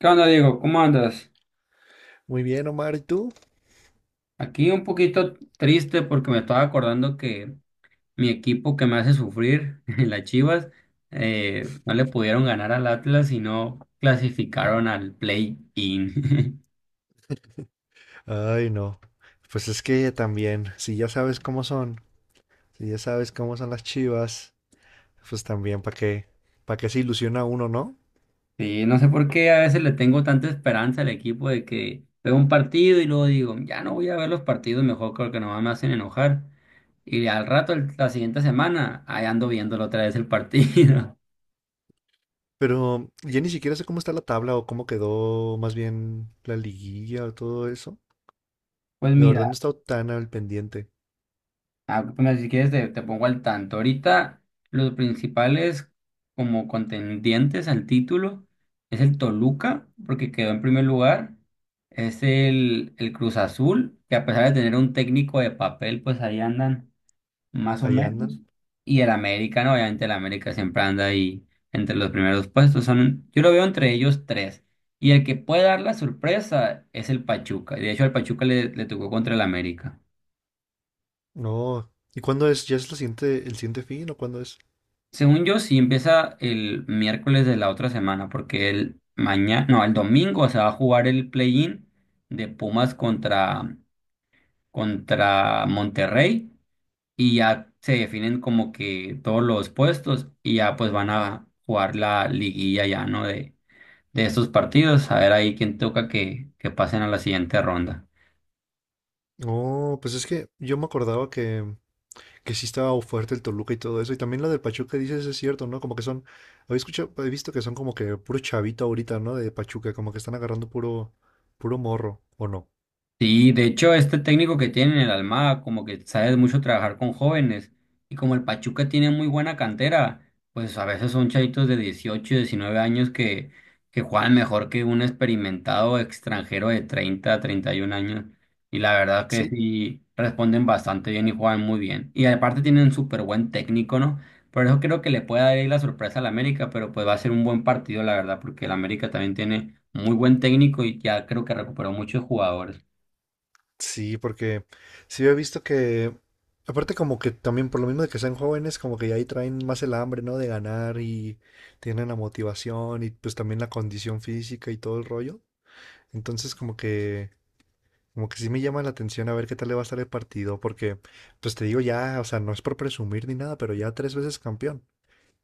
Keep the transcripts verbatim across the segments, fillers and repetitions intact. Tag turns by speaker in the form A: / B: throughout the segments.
A: ¿Qué onda, Diego? ¿Cómo andas?
B: Muy bien, Omar, ¿y tú?
A: Aquí un poquito triste porque me estaba acordando que mi equipo que me hace sufrir, en las Chivas, eh, no le pudieron ganar al Atlas y no clasificaron al play-in.
B: Ay, no. Pues es que también, si ya sabes cómo son, si ya sabes cómo son las Chivas, pues también, ¿para qué? ¿Para qué se ilusiona uno, no?
A: Sí, no sé por qué a veces le tengo tanta esperanza al equipo de que veo un partido y luego digo, ya no voy a ver los partidos, mejor creo que nomás me hacen enojar. Y al rato, el- la siguiente semana, ahí ando viéndolo otra vez el partido.
B: Pero ya ni siquiera sé cómo está la tabla o cómo quedó más bien la liguilla o todo eso.
A: Pues
B: La verdad no he
A: mira.
B: estado tan al pendiente.
A: Ah, bueno, si quieres te, te pongo al tanto. Ahorita los principales como contendientes al título es el Toluca, porque quedó en primer lugar. Es el, el Cruz Azul, que a pesar de tener un técnico de papel, pues ahí andan más o
B: Ahí
A: menos.
B: andan.
A: Y el América, ¿no? Obviamente el América siempre anda ahí entre los primeros puestos. Son, yo lo veo entre ellos tres. Y el que puede dar la sorpresa es el Pachuca. Y de hecho al Pachuca le, le tocó contra el América.
B: No. ¿Y cuándo es? ¿Ya es la siguiente, el siguiente fin o cuándo es?
A: Según yo, sí empieza el miércoles de la otra semana, porque el mañana, no, el domingo se va a jugar el play-in de Pumas contra, contra Monterrey y ya se definen como que todos los puestos y ya pues van a jugar la liguilla ya, ¿no? De, de estos partidos, a ver ahí quién toca que, que pasen a la siguiente ronda.
B: No, pues es que yo me acordaba que que sí estaba fuerte el Toluca y todo eso. Y también lo del Pachuca dices es cierto, ¿no? Como que son, había escuchado, he visto que son como que puro chavito ahorita, ¿no? De Pachuca, como que están agarrando puro, puro morro, ¿o no?
A: Sí, de hecho, este técnico que tiene en el Almada, como que sabe mucho trabajar con jóvenes, y como el Pachuca tiene muy buena cantera, pues a veces son chavitos de dieciocho, diecinueve años que, que juegan mejor que un experimentado extranjero de treinta, treinta y uno años, y la verdad que
B: Sí,
A: sí responden bastante bien y juegan muy bien. Y aparte tienen un súper buen técnico, ¿no? Por eso creo que le puede dar ahí la sorpresa al América, pero pues va a ser un buen partido, la verdad, porque el América también tiene muy buen técnico y ya creo que recuperó muchos jugadores.
B: sí, porque sí he visto que, aparte como que también por lo mismo de que sean jóvenes, como que ya ahí traen más el hambre, ¿no? De ganar y tienen la motivación y pues también la condición física y todo el rollo. Entonces como que Como que sí me llama la atención a ver qué tal le va a estar el partido, porque, pues te digo ya, o sea, no es por presumir ni nada, pero ya tres veces campeón.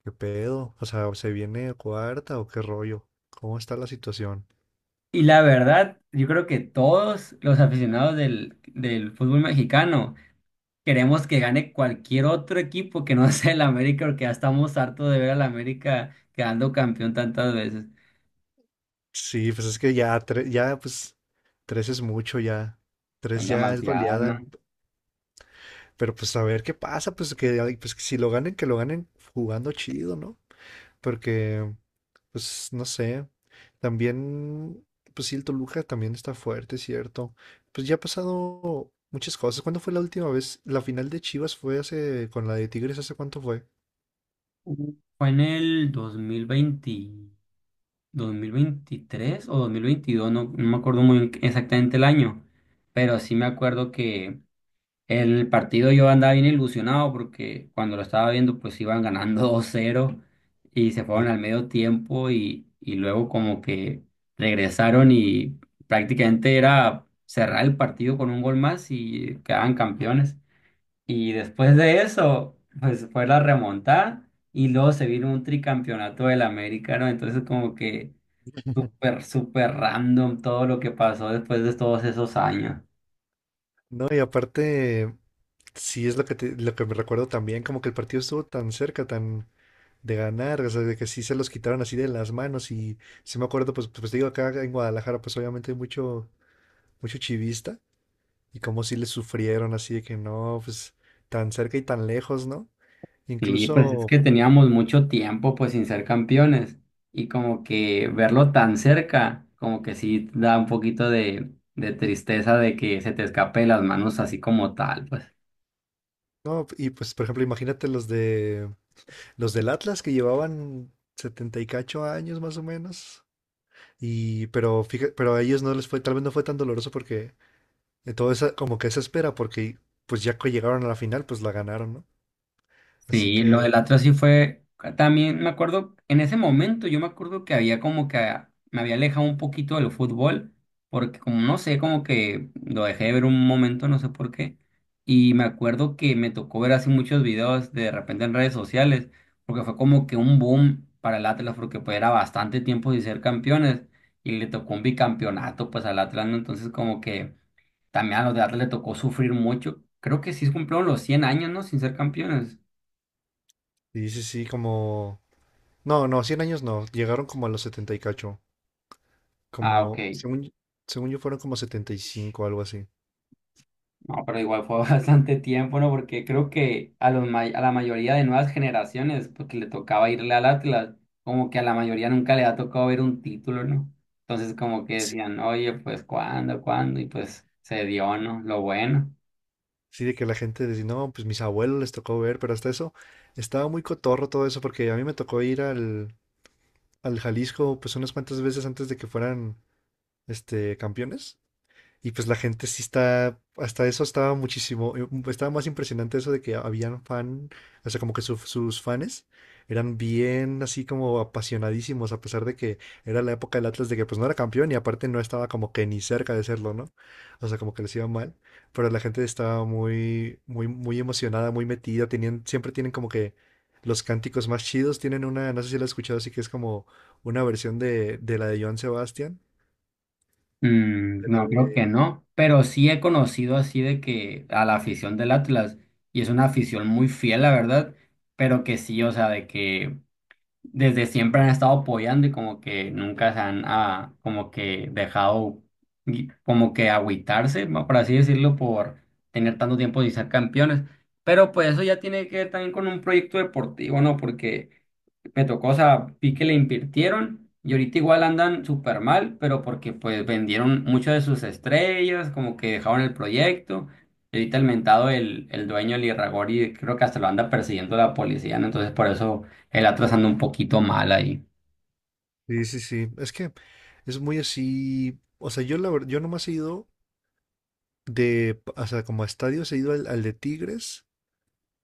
B: ¿Qué pedo? O sea, ¿se viene cuarta o qué rollo? ¿Cómo está la situación?
A: Y la verdad, yo creo que todos los aficionados del, del fútbol mexicano queremos que gane cualquier otro equipo que no sea el América, porque ya estamos hartos de ver al América quedando campeón tantas veces.
B: Sí, pues es que ya, tres, ya, pues, tres es mucho ya.
A: Son
B: Tres ya es
A: demasiadas, ¿no?
B: goleada, pero pues a ver qué pasa, pues que, ay, pues que si lo ganen, que lo ganen jugando chido, ¿no? Porque, pues, no sé. También, pues sí, el Toluca también está fuerte, ¿cierto? Pues ya ha pasado muchas cosas. ¿Cuándo fue la última vez? La final de Chivas fue hace, con la de Tigres, ¿hace cuánto fue?
A: Ujú. Fue en el dos dos mil veinte, dos mil veintitrés o dos mil veintidós no, no me acuerdo muy bien exactamente el año, pero sí me acuerdo que el partido yo andaba bien ilusionado porque cuando lo estaba viendo pues iban ganando dos cero y se fueron
B: Sí.
A: al medio tiempo y, y luego como que regresaron y prácticamente era cerrar el partido con un gol más y quedaban campeones. Y después de eso pues fue la remontada y luego se vino un tricampeonato del América, ¿no? Entonces como que súper, súper random todo lo que pasó después de todos esos años.
B: No, y aparte, sí es lo que, te- lo que me recuerdo también, como que el partido estuvo tan cerca, tan de ganar, o sea, de que sí se los quitaron así de las manos y sí me acuerdo, pues, pues digo, acá en Guadalajara, pues obviamente hay mucho, mucho chivista y como sí le sufrieron así de que no, pues tan cerca y tan lejos, ¿no?
A: Sí, pues es
B: Incluso.
A: que teníamos mucho tiempo pues sin ser campeones y como que verlo tan cerca, como que sí da un poquito de, de tristeza de que se te escape de las manos así como tal, pues.
B: No, y pues, por ejemplo, imagínate los de los del Atlas que llevaban setenta y cacho años más o menos. Y pero fíjate, pero a ellos no les fue, tal vez no fue tan doloroso porque de todo esa como que esa espera porque pues ya que llegaron a la final, pues la ganaron, ¿no? Así
A: Sí, lo del
B: que
A: Atlas sí fue, también me acuerdo, en ese momento yo me acuerdo que había como que a- me había alejado un poquito del fútbol, porque como no sé, como que lo dejé de ver un momento, no sé por qué, y me acuerdo que me tocó ver así muchos videos de repente en redes sociales, porque fue como que un boom para el Atlas, porque pues era bastante tiempo sin ser campeones, y le tocó un bicampeonato pues al Atlas, ¿no? Entonces como que también a los de Atlas le tocó sufrir mucho, creo que sí cumplieron los cien años, ¿no? Sin ser campeones.
B: sí, sí, sí, como no, no, cien años no, llegaron como a los setenta y cacho,
A: Ah,
B: como
A: ok.
B: según según yo fueron como setenta y cinco algo así.
A: No, pero igual fue bastante tiempo, ¿no? Porque creo que a los may- a la mayoría de nuevas generaciones, porque le tocaba irle al Atlas, como que a la mayoría nunca le ha tocado ver un título, ¿no? Entonces como que decían, oye, pues ¿cuándo, cuándo? Y pues se dio, ¿no? Lo bueno.
B: Sí, de que la gente decía, no, pues mis abuelos les tocó ver, pero hasta eso estaba muy cotorro todo eso, porque a mí me tocó ir al, al Jalisco pues unas cuantas veces antes de que fueran este campeones. Y pues la gente sí está, hasta eso estaba muchísimo, eh, mm, estaba más impresionante eso de que habían fan, o sea, como que su- sus fans eran bien así como apasionadísimos, a pesar de que era la época del Atlas de que pues no era campeón y aparte no estaba como que ni cerca de serlo, ¿no? O sea, como que les iba mal, pero la gente estaba muy, muy, muy emocionada, muy metida, tenían, siempre tienen como que los cánticos más chidos, tienen una, no sé si la has escuchado, así que es como una versión de, de la de Joan Sebastián,
A: Mm,
B: de la
A: no, creo
B: de.
A: que no, pero sí he conocido así de que a la afición del Atlas, y es una afición muy fiel, la verdad, pero que sí, o sea, de que desde siempre han estado apoyando y como que nunca se han ah, como que dejado gui- como que agüitarse, ma- por así decirlo, por tener tanto tiempo sin ser campeones. Pero pues eso ya tiene que ver también con un proyecto deportivo, ¿no? Porque me tocó, o sea, vi que le invirtieron y ahorita igual andan súper mal, pero porque pues vendieron muchas de sus estrellas, como que dejaron el proyecto. Y ahorita el mentado, el, el dueño, el Irragorri, creo que hasta lo anda persiguiendo la policía, ¿no? Entonces por eso el Atlas anda un poquito mal ahí.
B: Sí, sí, sí. Es que es muy así. O sea, yo la verdad, yo nomás he ido de, p- o sea, como a estadios, he ido al, al de Tigres,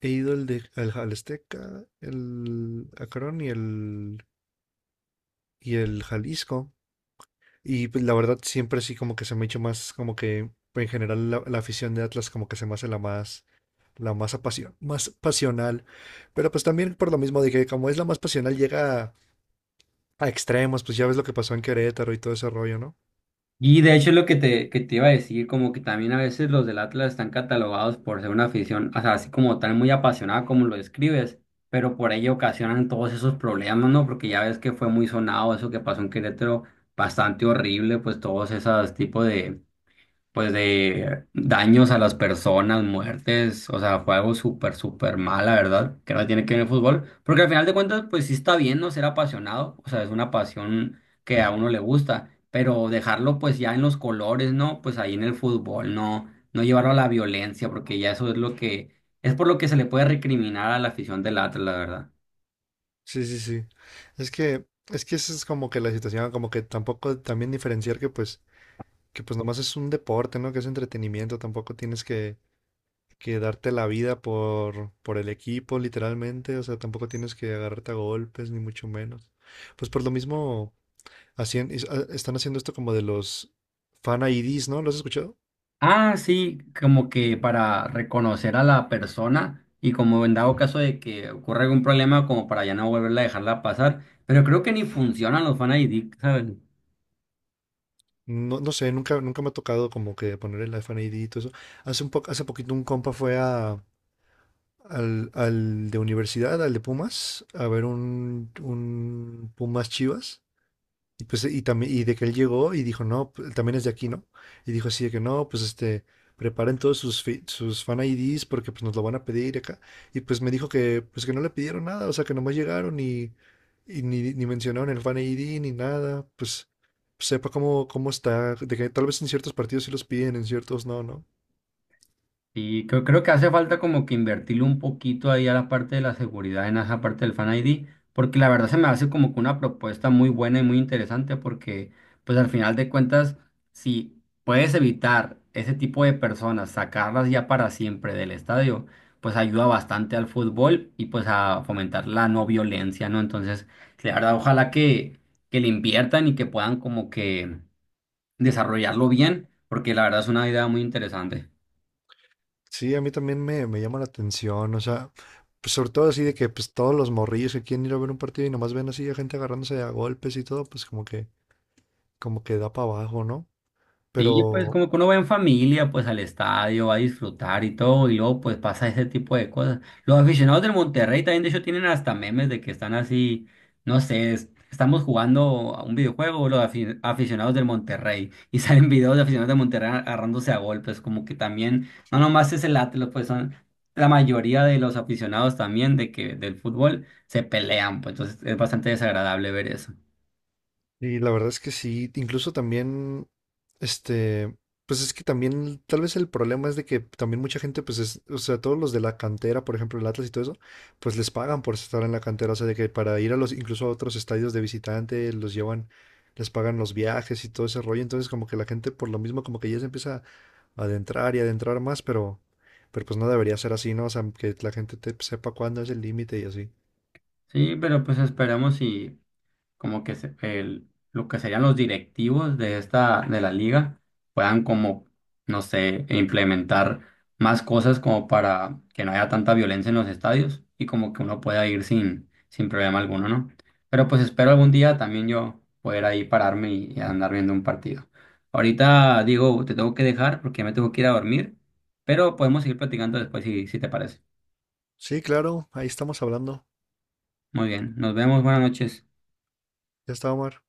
B: he ido al de al, al Azteca, el Acron y el y el Jalisco. Y pues la verdad siempre sí como que se me ha hecho más, como que en general la, la afición de Atlas como que se me hace la más, la más apasion más pasional. Pero pues también por lo mismo de que como es la más pasional, llega a, a extremos, pues ya ves lo que pasó en Querétaro y todo ese rollo, ¿no?
A: Y de hecho es lo que te, que te iba a decir, como que también a veces los del Atlas están catalogados por ser una afición, o sea, así como tal muy apasionada como lo describes, pero por ello ocasionan todos esos problemas, ¿no? Porque ya ves que fue muy sonado eso que pasó en Querétaro, bastante horrible, pues todos esos tipos de, pues de daños a las personas, muertes, o sea, fue algo súper, súper mal, la verdad, que no tiene que ver el fútbol, porque al final de cuentas, pues sí está bien, ¿no? Ser apasionado, o sea, es una pasión que a uno le gusta, pero dejarlo pues ya en los colores, ¿no? Pues ahí en el fútbol, no, no llevarlo a la violencia, porque ya eso es lo que, es por lo que se le puede recriminar a la afición del Atlas, la verdad.
B: Sí, sí, sí. Es que, es que esa es como que la situación, como que tampoco también diferenciar que pues, que pues nomás es un deporte, ¿no? Que es entretenimiento, tampoco tienes que, que darte la vida por, por el equipo, literalmente. O sea, tampoco tienes que agarrarte a golpes, ni mucho menos. Pues por lo mismo, hacían, is- a- están haciendo esto como de los fan I Ds, ¿no? ¿Lo has escuchado?
A: Ah, sí, como que para reconocer a la persona y como en dado caso de que ocurra algún problema, como para ya no volverla a dejarla pasar. Pero creo que ni funcionan los fan I D, ¿sabes?
B: No, no sé, nunca, nunca me ha tocado como que poner el fan I D y todo eso. Hace un poco, hace poquito un compa fue a, al, al de universidad, al de Pumas, a ver un, un Pumas Chivas. Y pues, y también, y de que él llegó y dijo, no, pues, también es de aquí, ¿no? Y dijo así de que no, pues este, preparen todos sus, fi- sus fan I Ds porque pues nos lo van a pedir acá. Y pues me dijo que, pues que no le pidieron nada, o sea, que nomás llegaron y, y, ni, ni mencionaron el fan I D ni nada, pues pues, sepa cómo, cómo está, de que tal vez en ciertos partidos sí los piden, en ciertos no, ¿no?
A: Y creo, creo que hace falta como que invertirle un poquito ahí a la parte de la seguridad en esa parte del Fan I D, porque la verdad se me hace como que una propuesta muy buena y muy interesante, porque pues al final de cuentas, si puedes evitar ese tipo de personas, sacarlas ya para siempre del estadio, pues ayuda bastante al fútbol y pues a fomentar la no violencia, ¿no? Entonces, sí, la verdad, ojalá que, que le inviertan y que puedan como que desarrollarlo bien, porque la verdad es una idea muy interesante.
B: Sí, a mí también me, me llama la atención, o sea, pues sobre todo así de que pues todos los morrillos que quieren ir a ver un partido y nomás ven así a gente agarrándose a golpes y todo, pues como que, como que da para abajo, ¿no?
A: Sí, pues
B: Pero,
A: como que uno va en familia, pues al estadio, va a disfrutar y todo, y luego pues pasa ese tipo de cosas. Los aficionados del Monterrey también de hecho tienen hasta memes de que están así, no sé, es- estamos jugando a un videojuego, los afi- aficionados del Monterrey, y salen videos de aficionados del Monterrey agarrándose a golpes, como que también, no nomás es el Atlas, pues son la mayoría de los aficionados también de que del fútbol se pelean, pues entonces es bastante desagradable ver eso.
B: y la verdad es que sí, incluso también, este, pues es que también, tal vez el problema es de que también mucha gente, pues es, o sea, todos los de la cantera, por ejemplo, el Atlas y todo eso, pues les pagan por estar en la cantera, o sea, de que para ir a los, incluso a otros estadios de visitante, los llevan, les pagan los viajes y todo ese rollo, entonces como que la gente por lo mismo como que ya se empieza a adentrar y adentrar más, pero, pero pues no debería ser así, ¿no? O sea, que la gente te- sepa cuándo es el límite y así.
A: Sí, pero pues esperamos y... como que se- el, lo que serían los directivos de esta, de la liga, puedan como, no sé, implementar más cosas como para que no haya tanta violencia en los estadios y como que uno pueda ir sin, sin problema alguno, ¿no? Pero pues espero algún día también yo poder ahí pararme y, y andar viendo un partido. Ahorita, digo, te tengo que dejar porque ya me tengo que ir a dormir, pero podemos seguir platicando después si, si te parece.
B: Sí, claro, ahí estamos hablando.
A: Muy bien, nos vemos, buenas noches.
B: Ya está, Omar.